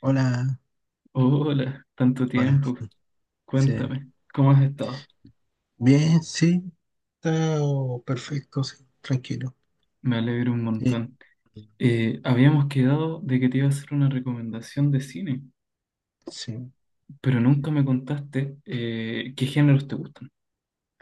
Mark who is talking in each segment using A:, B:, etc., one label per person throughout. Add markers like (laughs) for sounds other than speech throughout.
A: Hola,
B: Hola, tanto
A: hola.
B: tiempo.
A: Sí.
B: Cuéntame, ¿cómo has estado?
A: Bien, sí, está perfecto, sí, tranquilo.
B: Me alegro un
A: Eh,
B: montón. Habíamos quedado de que te iba a hacer una recomendación de cine,
A: sí.
B: pero nunca me contaste qué géneros te gustan.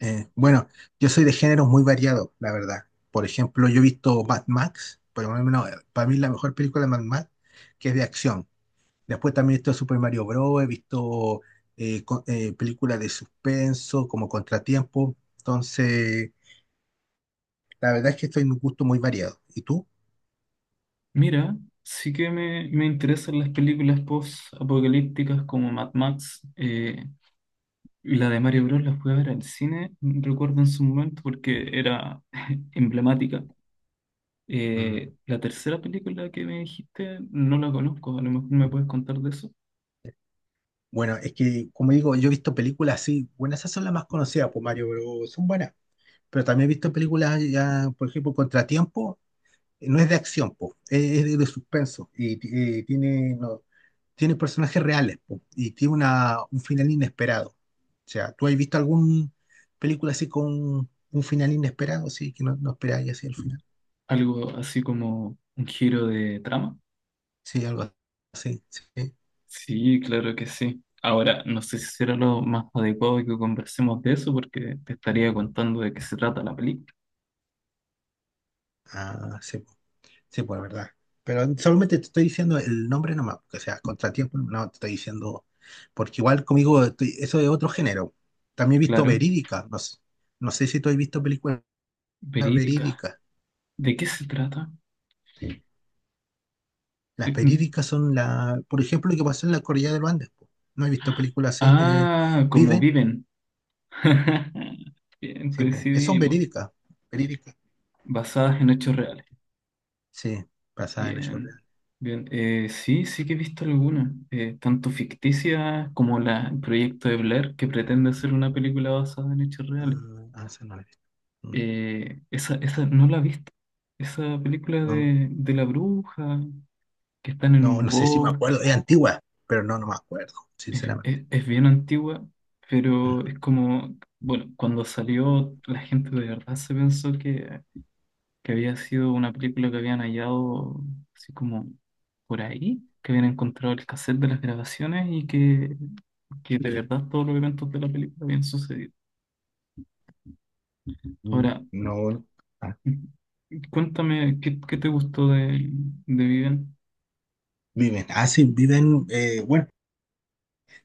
A: Bueno, yo soy de géneros muy variados, la verdad. Por ejemplo, yo he visto Mad Max, por lo menos para mí la mejor película de Mad Max, que es de acción. Después también he visto Super Mario Bros., he visto películas de suspenso, como Contratiempo. Entonces, la verdad es que estoy en un gusto muy variado. ¿Y tú?
B: Mira, sí que me interesan las películas post-apocalípticas como Mad Max. Y la de Mario Bros. La fui a ver al cine, recuerdo en su momento, porque era (laughs) emblemática. La tercera película que me dijiste no la conozco, a lo mejor me puedes contar de eso.
A: Bueno, es que, como digo, yo he visto películas así, bueno, esas son las más conocidas por Mario, pero son buenas. Pero también he visto películas ya, por ejemplo, Contratiempo, no es de acción, po, es de suspenso y ti- tiene, no, tiene personajes reales po, y tiene un final inesperado. O sea, ¿tú has visto alguna película así con un final inesperado, sí, que no, no esperáis así el final?
B: Algo así como un giro de trama.
A: Sí, algo así, sí.
B: Sí, claro que sí. Ahora, no sé si será lo más adecuado que conversemos de eso porque te estaría contando de qué se trata la película.
A: Ah, sí. Sí, pues verdad. Pero solamente te estoy diciendo el nombre nomás, porque, o sea, contratiempo, no te estoy diciendo, porque igual conmigo estoy- eso es otro género. También he visto
B: Claro,
A: verídicas, no sé, no sé si tú has visto películas
B: verídica.
A: verídicas.
B: ¿De qué se trata?
A: Sí. Las
B: Mm.
A: verídicas son la, por ejemplo, lo que pasó en la Cordillera de los Andes. Po. No he visto películas así de
B: Ah, como
A: Viven,
B: viven. (laughs) Bien,
A: sí, pues, es- son
B: coincidimos.
A: verídicas, verídicas.
B: Basadas en hechos reales.
A: Sí, basadas en hechos
B: Bien,
A: reales.
B: bien. Sí, sí que he visto algunas, tanto ficticias como el proyecto de Blair, que pretende hacer una película basada en hechos reales.
A: Ah, ah, esa no la he visto. Mm,
B: Esa no la he visto. Esa película
A: no, no,
B: de la bruja, que están en
A: no,
B: un
A: no sé si me acuerdo,
B: bosque,
A: es antigua, pero no, no me acuerdo, sinceramente.
B: es bien antigua,
A: Mm.
B: pero es como, bueno, cuando salió la gente de verdad se pensó que había sido una película que habían hallado así como por ahí, que habían encontrado el cassette de las grabaciones y que de verdad todos los eventos de la película habían sucedido.
A: Mm,
B: Ahora,
A: no, ah,
B: cuéntame, ¿ qué te gustó de Viven?
A: Viven. Ah, sí, Viven. Bueno,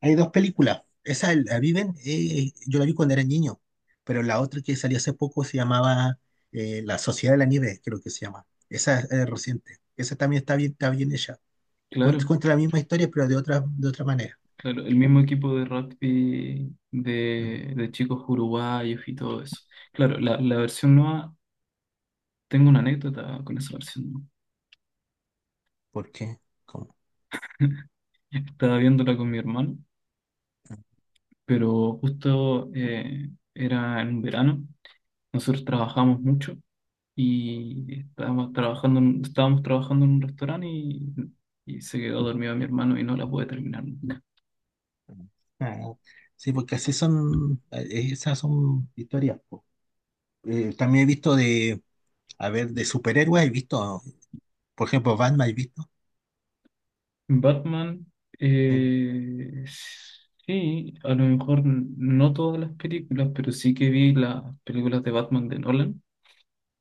A: hay dos películas. Esa, la Viven, yo la vi cuando era niño, pero la otra que salió hace poco se llamaba La Sociedad de la Nieve, creo que se llama. Esa es reciente. Esa también está bien hecha. Cuenta,
B: Claro,
A: cuenta la misma historia, pero de otra manera.
B: claro, el mismo equipo de rugby
A: Mm,
B: de chicos uruguayos y todo eso. Claro, la versión nueva, tengo una anécdota con esa versión nueva.
A: ¿por qué? ¿Cómo?
B: Estaba viéndola con mi hermano pero justo era en verano, nosotros trabajamos mucho y estábamos trabajando en un restaurante y se quedó dormido mi hermano y no la pude terminar nunca.
A: Ah, sí, porque así son, esas son historias. Po. También he visto de, a ver, de superhéroes, he visto, por ejemplo, Batman, he visto.
B: Batman,
A: Mm,
B: eh, sí, a lo mejor no todas las películas, pero sí que vi las películas de Batman de Nolan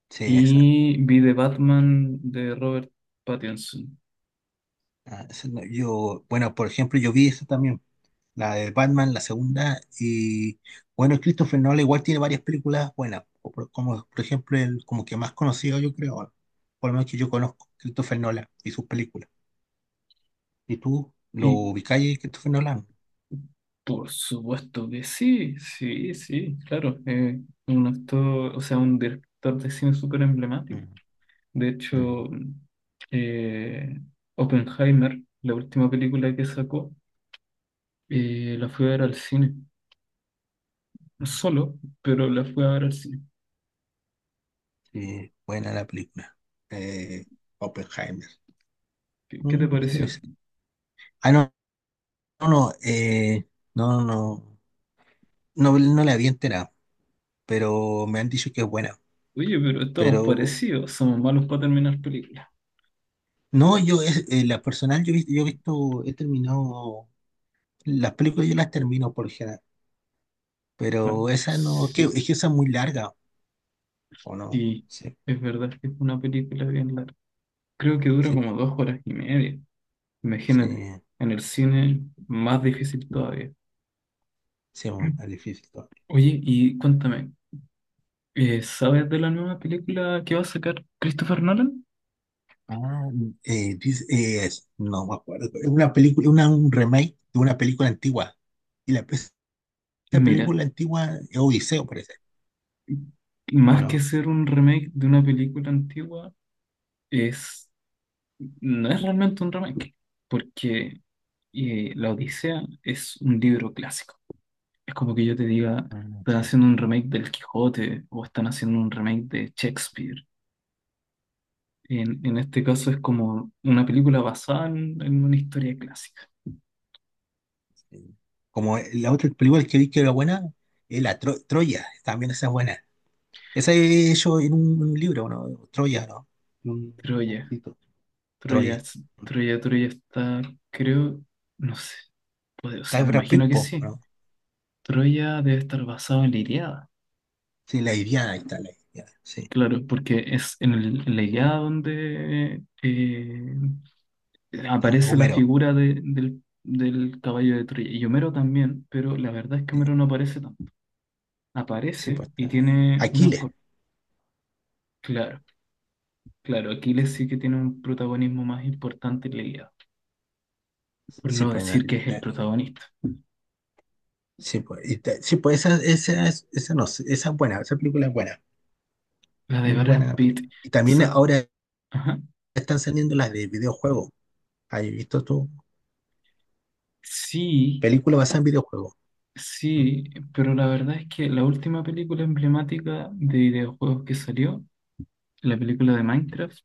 A: sí, esa.
B: y vi de Batman de Robert Pattinson.
A: Ah, esa no- yo, bueno, por ejemplo, yo vi esa también, la de Batman, la segunda, y bueno, Christopher Nolan igual tiene varias películas buenas, o por- como por ejemplo, el como que más conocido yo creo, por lo menos que yo conozco, Christopher Nolan y sus películas. ¿Y tú lo
B: Y
A: ubicáis, Christopher Nolan?
B: Por supuesto que sí, sí, sí, claro. Un actor, o sea, un director de cine súper emblemático.
A: Mm,
B: De hecho,
A: mm.
B: eh, Oppenheimer, la última película que sacó, la fui a ver al cine. No solo, pero la fui a ver al cine.
A: Sí, buena la película. Eh, Oppenheimer.
B: ¿Qué, qué te
A: Mm, sí,
B: pareció?
A: sí. Ah, no, no, no, no, no, no, no la había enterado, pero me han dicho que es buena.
B: Oye, pero estamos
A: Pero
B: parecidos, somos malos para terminar películas.
A: no, yo es, la personal yo, yo he visto, he terminado, las películas yo las termino por lo general, pero
B: Bueno,
A: esa no, que,
B: sí,
A: es que esa es muy larga, ¿o no? Sí,
B: es verdad que es una película bien larga. Creo que dura
A: sí,
B: como 2 horas y media. Imagínate,
A: sí,
B: en el cine más difícil todavía.
A: sí, bueno, es difícil todo.
B: Oye, y cuéntame, ¿sabes de la nueva película que va a sacar Christopher Nolan?
A: Ah, no me acuerdo, es una película, una, un remake de una película antigua, y la, esa
B: Mira,
A: película antigua es Odiseo, parece, ¿o
B: más que
A: no?
B: ser un remake de una película antigua, es, no es realmente un remake, porque La Odisea es un libro clásico. Es como que yo te diga,
A: Ah,
B: están haciendo un remake del Quijote o están haciendo un remake de Shakespeare. En este caso es como una película basada en una historia clásica.
A: sí. Como la otra película que vi que era buena, es la Tro- Troya, también esa es buena. Esa he hecho en un libro, ¿no? Troya, ¿no? Un
B: Troya,
A: arquito. Troya.
B: Troya está, creo, no sé, o
A: Está
B: sea, me
A: Brad Pitt,
B: imagino que
A: po,
B: sí.
A: ¿no?
B: Troya debe estar basado en la Ilíada,
A: Sí, la Iliada, ahí está la Iliada. Sí,
B: claro, porque es en la Ilíada donde
A: está
B: aparece la
A: Homero.
B: figura del caballo de Troya. Y Homero también, pero la verdad es que
A: Sí,
B: Homero no aparece tanto.
A: sí,
B: Aparece
A: pues
B: y
A: está
B: tiene unas...
A: Aquiles.
B: Claro. Claro, Aquiles sí que tiene un protagonismo más importante en la Ilíada, por
A: Sí,
B: no
A: pues,
B: decir que es el
A: eh,
B: protagonista.
A: sí, pues, y sí, pues esa, es- esa, no, sé, esa es buena, esa película es buena.
B: La de
A: Muy
B: Brad
A: buena
B: Pitt,
A: película. Y también
B: sa-
A: ahora
B: ajá.
A: están saliendo las de videojuegos. ¿Has visto tú?
B: Sí,
A: Película basada en videojuegos. Mm.
B: sí, pero la verdad es que la última película emblemática de videojuegos que salió, la película de Minecraft,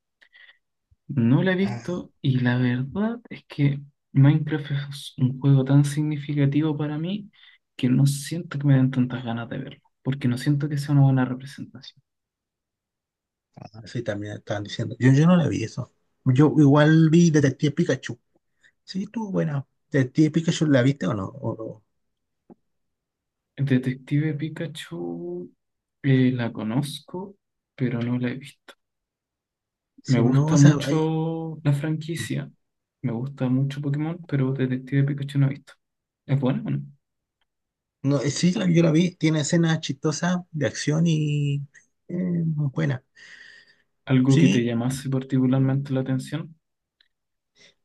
B: no la he
A: Ah,
B: visto y la verdad es que Minecraft es un juego tan significativo para mí que no siento que me den tantas ganas de verlo, porque no siento que sea una buena representación.
A: sí, también estaban diciendo. Yo no la vi eso. Yo igual vi Detective Pikachu. Sí, tú, bueno, ¿de típica yo la viste o no?
B: Detective Pikachu la conozco, pero no la he visto. Me
A: Sí, no,
B: gusta
A: o sea, hay-
B: mucho la franquicia. Me gusta mucho Pokémon, pero Detective Pikachu no he visto. ¿Es buena o no?
A: no, sí, la- yo la vi, tiene escenas chistosas de acción y eh, muy buena.
B: Algo que te
A: Sí,
B: llamase particularmente la atención,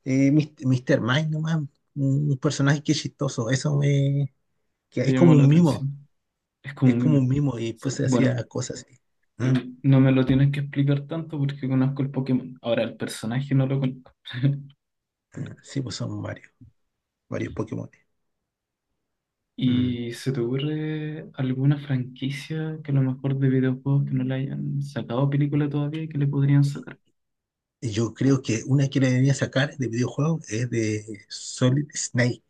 A: Mr. Mind nomás, un personaje que es chistoso, eso me, que
B: te
A: es
B: llamó
A: como
B: la
A: un mimo,
B: atención. Es como
A: es
B: un
A: como
B: mimo.
A: un mimo y pues se
B: Bueno,
A: hacía cosas así.
B: eh,
A: ¿Mm?
B: no me lo tienes que explicar tanto porque conozco el Pokémon. Ahora el personaje no lo conozco. (laughs)
A: Ah, sí, pues son varios, varios Pokémon. Mm.
B: ¿Y se te ocurre alguna franquicia que a lo mejor de videojuegos que no le hayan sacado película todavía y que le podrían sacar?
A: Yo creo que una que le venía a sacar de videojuego es de Solid Snake.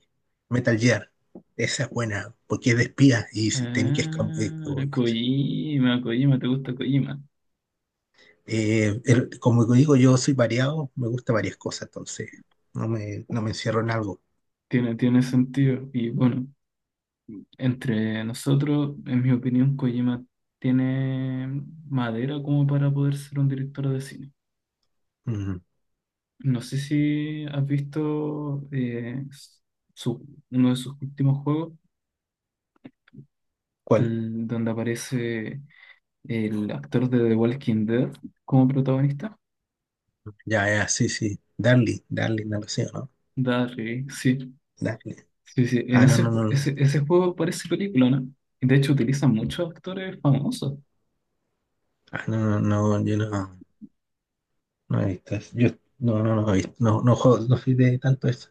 A: Metal Gear. Esa es buena, porque es de espías y si tenés que
B: Ah, Kojima, Kojima, ¿te gusta Kojima?
A: como digo, yo soy variado, me gusta varias cosas, entonces no me, no me encierro en algo.
B: Tiene, tiene sentido. Y bueno, entre nosotros, en mi opinión, Kojima tiene madera como para poder ser un director de cine.
A: Ujú.
B: No sé si has visto uno de sus últimos juegos,
A: ¿Cuál?
B: el donde aparece el actor de The Walking Dead como protagonista.
A: Ya, ya, sí, sí. Darly, Darly, no lo sé, ¿no?
B: Darryl, sí,
A: Darly.
B: sí, sí. En
A: Ah, no,
B: ese,
A: no, no
B: ju-
A: lo he
B: ese,
A: visto.
B: ese juego parece película, ¿no? Y de hecho utilizan muchos actores famosos.
A: Ah, no, no, no, yo no, no he visto eso. Yo, no, no, no he visto. No, no, juego- no soy de tanto eso.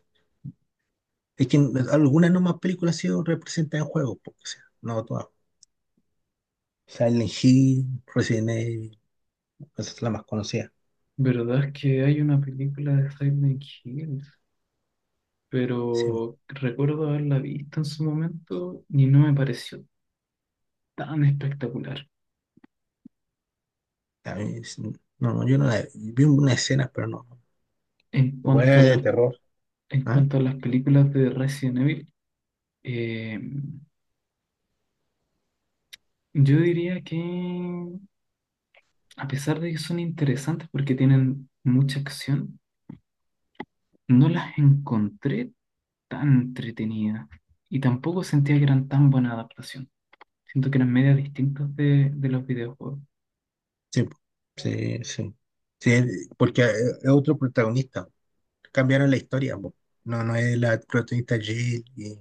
A: Es que algunas nomás películas han sido representadas en juegos, porque, o sea, no todas. Silent Hill, Resident Evil, esa es la más conocida.
B: ¿Verdad es que hay una película de Silent Hill?
A: Sí,
B: Pero recuerdo haberla visto en su momento y no me pareció tan espectacular.
A: a mí, sí, no, no, yo no la vi una escena, pero no.
B: En cuanto a
A: Buena de
B: las,
A: terror.
B: en
A: ¿Ah?
B: cuanto a las películas de Resident Evil, eh, yo diría que a pesar de que son interesantes porque tienen mucha acción, no las encontré tan entretenidas y tampoco sentía que eran tan buena adaptación. Siento que eran medias distintas de los videojuegos.
A: Sí, po. Sí, sí. Sí, es- porque es otro protagonista. Cambiaron la historia, po. No, no es la protagonista Jill y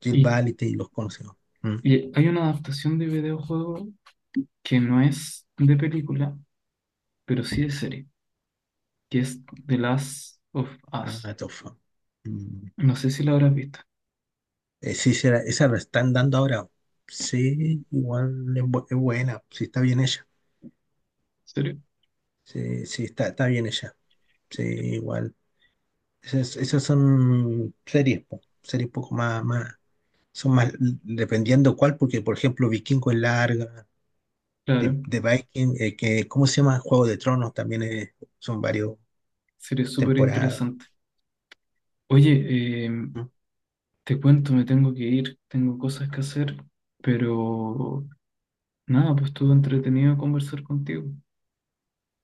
A: Jill
B: Y,
A: Valentine y los conocidos. Mm.
B: y hay una adaptación de videojuego que no es de película, pero sí de serie, que es The Last of Us.
A: Ah, tofa. Mm.
B: No sé si la habrás visto.
A: Sí, será- esa la están dando ahora. Sí, igual es, bu- es buena. Sí, está bien ella.
B: ¿Serio?
A: Sí, sí, está, está bien ella. Sí, igual. Esas, esas son series, po, series un poco más, más, son más, dependiendo cuál, porque por ejemplo Vikingo es larga,
B: Claro,
A: The, The Viking, que, ¿cómo se llama? Juego de Tronos también es- son varios
B: serie súper
A: temporadas.
B: interesante. Oye,
A: ¿Mm?
B: te cuento, me tengo que ir, tengo cosas que hacer, pero nada, pues estuvo entretenido conversar contigo.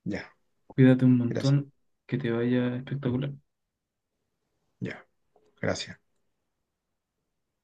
A: Ya,
B: Cuídate un
A: gracias.
B: montón, que te vaya espectacular.
A: Ya, gracias.